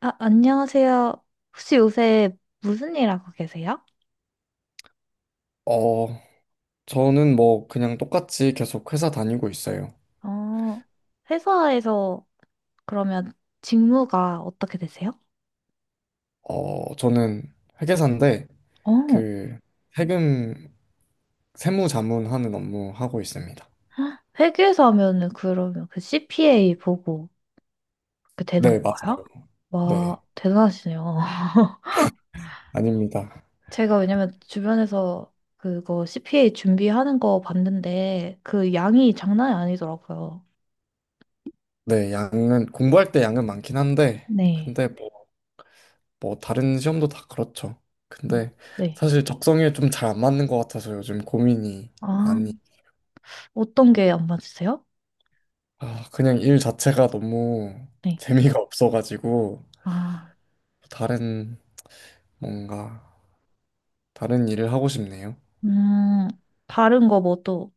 아, 안녕하세요. 혹시 요새 무슨 일 하고 계세요? 어, 저는 뭐 그냥 똑같이 계속 회사 다니고 있어요. 어, 회사에서 그러면 직무가 어떻게 되세요? 저는 회계사인데 어, 그 세금 세무자문하는 업무 하고 있습니다. 회계사 하면은 그러면 그 CPA 보고 그렇게 되는 네, 맞아요. 건가요? 네, 와, 대단하시네요. 아닙니다. 제가 왜냐면 주변에서 그거 CPA 준비하는 거 봤는데 그 양이 장난이 아니더라고요. 네, 양은 공부할 때 양은 많긴 한데 네. 근데 뭐, 뭐 다른 시험도 다 그렇죠. 근데 네. 사실 적성에 좀 잘 안 맞는 것 같아서 요즘 고민이 아, 많이. 어떤 게 안 맞으세요? 아, 그냥 일 자체가 너무 네. 재미가 없어가지고 아. 다른 뭔가 다른 일을 하고 싶네요. 음, 다른 거 뭐 또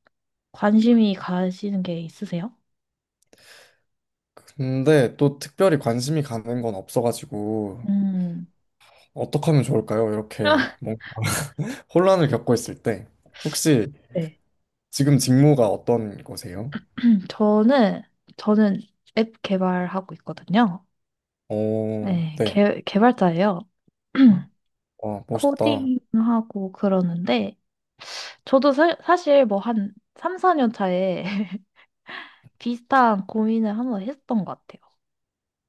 관심이 가시는 게 있으세요? 근데 또 특별히 관심이 가는 건 없어가지고 음, 어떻게 하면 좋을까요? 이렇게 뭐 혼란을 겪고 있을 때 혹시 네. 지금 직무가 어떤 거세요? 저는, 저는 앱 개발하고 있거든요. 어, 네, 네. 개발자예요. 와, 멋있다. 코딩하고 그러는데, 저도 사실 뭐 한 3, 4년 차에 비슷한 고민을 한번 했던 것 같아요.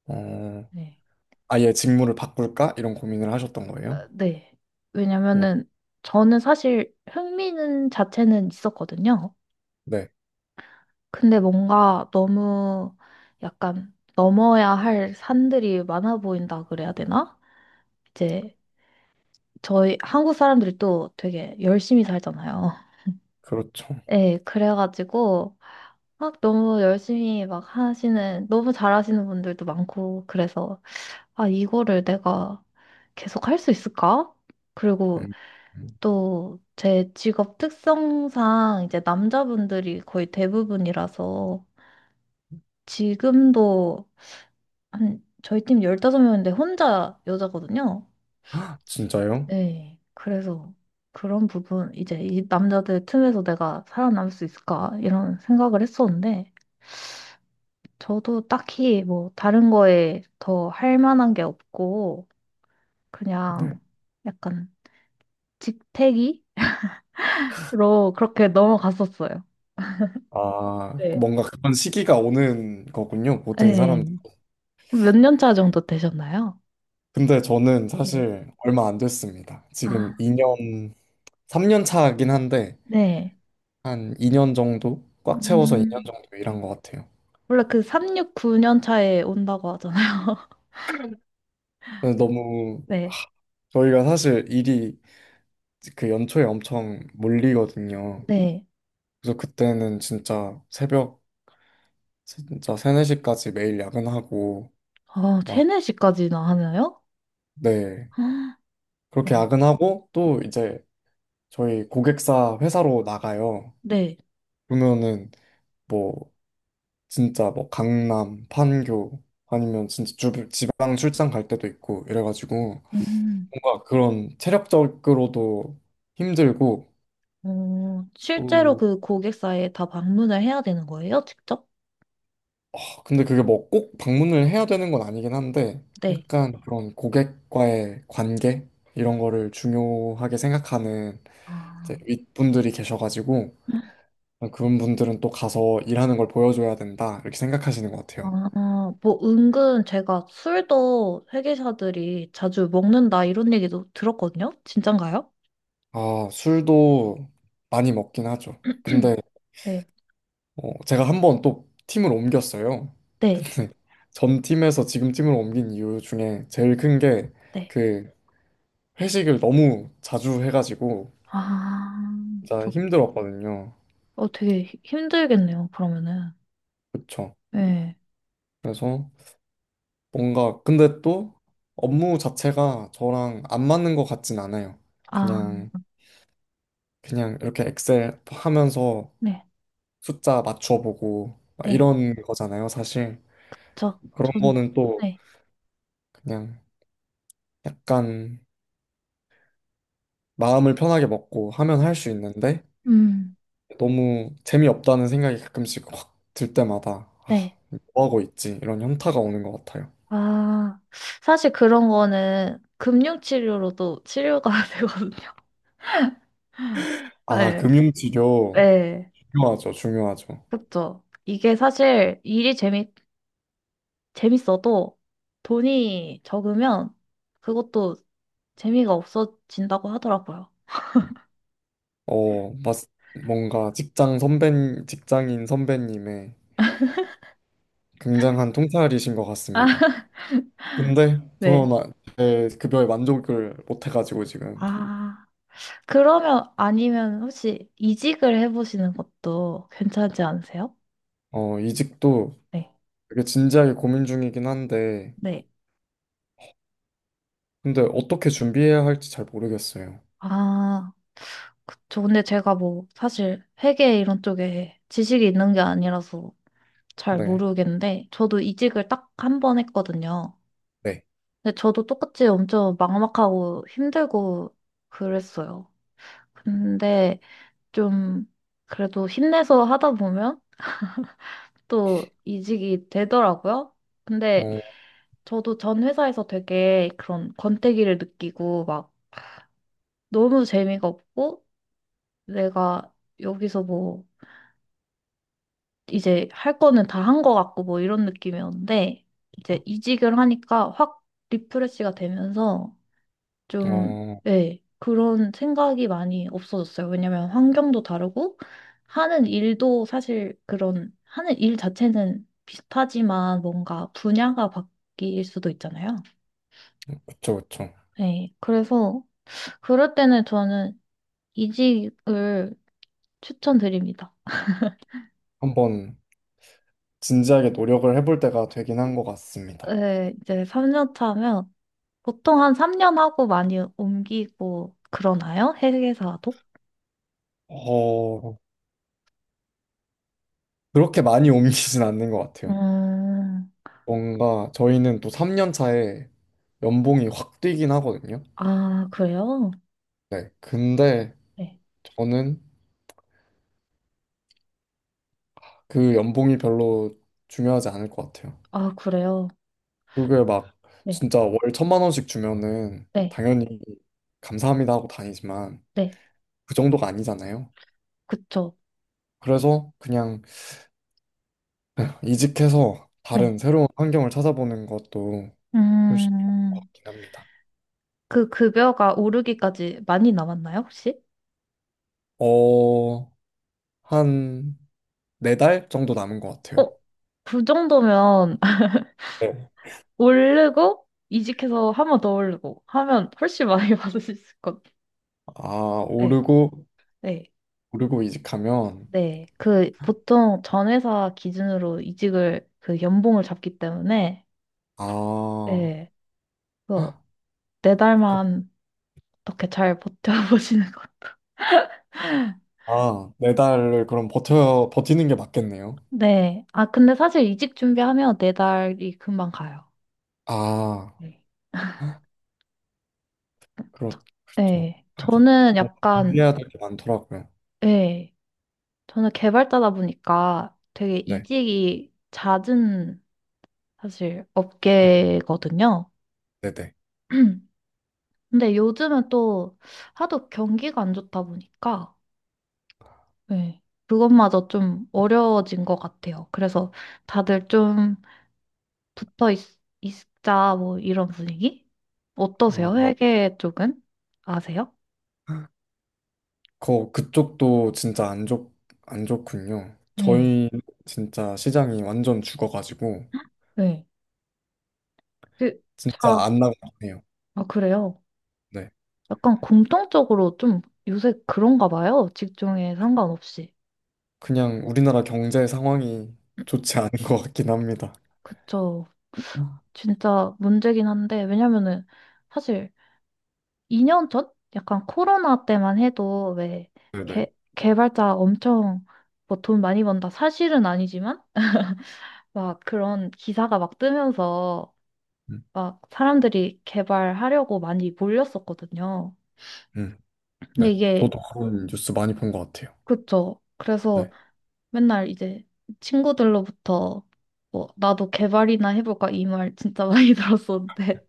어, 네. 아예 직무를 바꿀까? 이런 고민을 하셨던 어, 거예요? 네. 어, 왜냐면은 저는 사실 흥미는 자체는 있었거든요. 네, 근데 뭔가 너무 약간 넘어야 할 산들이 많아 보인다 그래야 되나? 이제 저희 한국 사람들이 또 되게 열심히 살잖아요. 그렇죠. 예, 그래가지고 막 너무 열심히 막 하시는, 너무 잘하시는 분들도 많고, 그래서 아, 이거를 내가 계속 할 수 있을까? 그리고 음. 음. 또 제 직업 특성상 이제 남자분들이 거의 대부분이라서 지금도 한 저희 팀 15명인데 혼자 여자거든요. 헉, 진짜요? 네. 그래서 그런 부분 이제 이 남자들 틈에서 내가 살아남을 수 있을까 이런 생각을 했었는데 저도 딱히 뭐 다른 거에 더 할 만한 게 없고 네. 그냥 약간 직태기로 그렇게 넘어갔었어요. 아, 네. 뭔가 그런 시기가 오는 거군요. 모든 사람. 네. 몇 년 차 정도 되셨나요? 근데 저는 네. 사실 얼마 안 됐습니다. 아, 지금 2년, 3년 차긴 한데, 네. 한 2년 정도? 꽉 채워서 2년 음. 정도 일한 것 같아요. 원래 그 369년 차에 온다고 하잖아요. 근데 너무, 아, 네. 저희가 사실 일이 그 연초에 엄청 몰리거든요. 네. 그래서 그때는 진짜 새벽, 진짜 3, 4시까지 매일 야근하고, 아, 막, 체내시까지나 하나요? 네. 아, 어, 그렇게 야근하고, 또 이제 저희 고객사 회사로 나가요. 네. 그러면은, 뭐 진짜 뭐 강남, 판교 아니면 진짜 지방 출장 갈 때도 있고 이래가지고 음. 뭔가 그런 체력적으로도 힘들고 음. 어, 실제로 또 그 고객사에 다 방문을 해야 되는 거예요? 직접? 근데 그게 뭐 꼭 방문을 해야 되는 건 아니긴 한데 네. 약간 그런 고객과의 관계 이런 거를 중요하게 생각하는 아, 이제 윗분들이 계셔가지고 아, 그런 분들은 또 가서 일하는 걸 보여줘야 된다 이렇게 생각하시는 것 같아요. 아, 뭐, 은근 제가 술도 회계사들이 자주 먹는다 이런 얘기도 들었거든요? 진짠가요? 아 술도 많이 먹긴 하죠. 근데 네. 제가 한 번 또 팀을 옮겼어요. 네. 근데 전 팀에서 지금 팀으로 옮긴 이유 중에 제일 큰 게 네. 그 회식을 너무 자주 해가지고 아, 진짜 힘들었거든요. 되게 힘들겠네요, 그러면은. 그쵸. 네. 그래서 뭔가 근데 또 업무 자체가 저랑 안 맞는 것 같진 않아요. 아, 그냥 그냥 이렇게 엑셀 하면서 네. 숫자 맞춰보고 막 네. 이런 거잖아요, 사실. 저, 그런 전, 거는 또 네. 그냥 약간 마음을 편하게 먹고 하면 할 수 있는데 음, 너무 재미없다는 생각이 가끔씩 확 들 때마다 아, 네. 뭐 하고 있지? 이런 현타가 오는 것 같아요. 아, 사실 그런 거는 금융치료로도 치료가 되거든요. 아, 네. 금융치료 네. 중요하죠, 중요하죠. 그쵸. 이게 사실 일이 재미, 재밌어도 돈이 적으면 그것도 재미가 없어진다고 하더라고요. 어, 맞, 뭔가 직장인 선배님의 굉장한 통찰이신 것 아, 같습니다. 근데 네. 저는 제 급여에 만족을 못 해가지고 지금. 아, 그러면 아니면 혹시 이직을 해보시는 것도 괜찮지 않으세요? 이직도 네. 되게 진지하게 고민 중이긴 한데 네. 근데 어떻게 준비해야 할지 잘 모르겠어요. 아, 그쵸. 근데 제가 뭐 사실 회계 이런 쪽에 지식이 있는 게 아니라서 잘 네, 모르겠는데 저도 이직을 딱 한 번 했거든요. 네. 근데 저도 똑같이 엄청 막막하고 힘들고 그랬어요. 근데 좀 그래도 힘내서 하다 보면 또 이직이 되더라고요. 근데 어, 저도 전 회사에서 되게 그런 권태기를 느끼고 막 너무 재미가 없고 내가 여기서 뭐 이제 할 거는 다 한 거 같고 뭐 이런 느낌이었는데 이제 이직을 하니까 확 리프레시가 되면서 좀, 어, 예, 그런 생각이 많이 없어졌어요. 왜냐면 환경도 다르고 하는 일도 사실 그런 하는 일 자체는 비슷하지만 뭔가 분야가 바뀔 수도 있잖아요. 그쵸, 그쵸. 네, 그래서 그럴 때는 저는 이직을 추천드립니다. 한번 진지하게 노력을 해볼 때가 되긴 한 것 같습니다. 네, 이제 3년 차면 보통 한 3년 하고 많이 옮기고 그러나요? 회계사도? 어, 그렇게 많이 옮기진 않는 것 같아요. 음, 뭔가 저희는 또 3년 차에 연봉이 확 뛰긴 하거든요. 아, 그래요? 네. 근데 네. 저는 그 연봉이 별로 중요하지 않을 것 같아요. 아, 그래요? 그게 막 네. 진짜 월 천만 원씩 주면은 네. 당연히 감사합니다 하고 다니지만 네. 그 정도가 아니잖아요. 그쵸. 그래서 그냥 이직해서 네. 다른 새로운 환경을 찾아보는 것도 훨씬 좋을 것 음, 같긴 합니다. 그 급여가 오르기까지 많이 남았나요, 혹시? 어, 한 네 달 정도 남은 것 어, 같아요. 그 정도면 네. 오르고 이직해서 한 번 더 오르고 하면 훨씬 많이 받을 수 있을 것 같아요. 아, 네. 오르고, 네. 오르고 이직하면, 네. 그 보통 전 회사 기준으로 이직을 그 연봉을 잡기 때문에 아, 네. 헉, 그래서 네 그- 달만 어떻게 잘 버텨보시는 것도. 아, 네 달을 그럼 버티는 게 맞겠네요. 네. 아, 근데 사실 이직 준비하면 네 달이 금방 가요. 아, 네. 헉, 저- 그렇죠. 네. 하긴 저는 뭔가 약간, 준비해야 될 게 많더라고요. 네. 저는 개발자다 보니까 되게 네, 이직이 잦은 사실 음, 업계거든요. 네네. 근데 요즘은 또 하도 경기가 안 좋다 보니까, 네. 그것마저 좀 어려워진 것 같아요. 그래서 다들 좀 붙어 있자 뭐 이런 분위기? 어떠세요? 아, 회계 쪽은? 아세요? 그쪽도 진짜 안 좋군요. 네, 저희 진짜 시장이 완전 죽어가지고, 네. 그, 진짜 자, 안 나가네요. 아, 그래요. 네. 약간 공통적으로 좀 요새 그런가 봐요. 직종에 상관없이. 그냥 우리나라 경제 상황이 좋지 않은 것 같긴 합니다. 그쵸. 아. 진짜 문제긴 한데, 왜냐면은 사실 2년 전? 약간 코로나 때만 해도 왜 네네. 개, 개발자 엄청 뭐 돈 많이 번다 사실은 아니지만 막 그런 기사가 막 뜨면서 음, 막 사람들이 개발하려고 많이 몰렸었거든요. 음, 근데 네. 이게, 저도 그런 뉴스 많이 본 것 같아요. 그쵸. 그래서 네. 맨날 이제 친구들로부터 뭐, 나도 개발이나 해볼까 이 말 진짜 많이 들었었는데,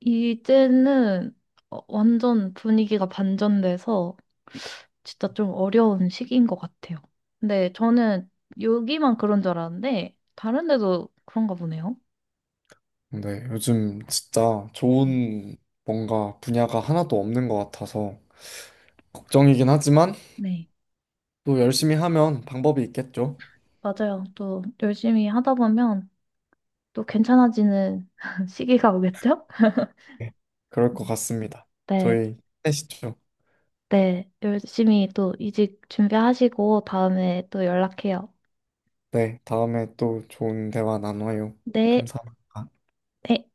이제는 완전 분위기가 반전돼서 진짜 좀 어려운 시기인 것 같아요. 근데 저는 여기만 그런 줄 알았는데, 다른 데도 그런가 보네요. 근데 요즘 진짜 음. 좋은 뭔가 분야가 하나도 없는 것 같아서 걱정이긴 하지만 네. 또 열심히 하면 방법이 있겠죠. 맞아요. 또 열심히 하다 보면 또 괜찮아지는 시기가 오겠죠? 네. 그럴 것 음. 같습니다. 네, 저희 힘내시죠. 네. 열심히 또 이직 준비하시고 다음에 또 연락해요. 네. 다음에 또 좋은 대화 나눠요. 네. 감사합니다. 네.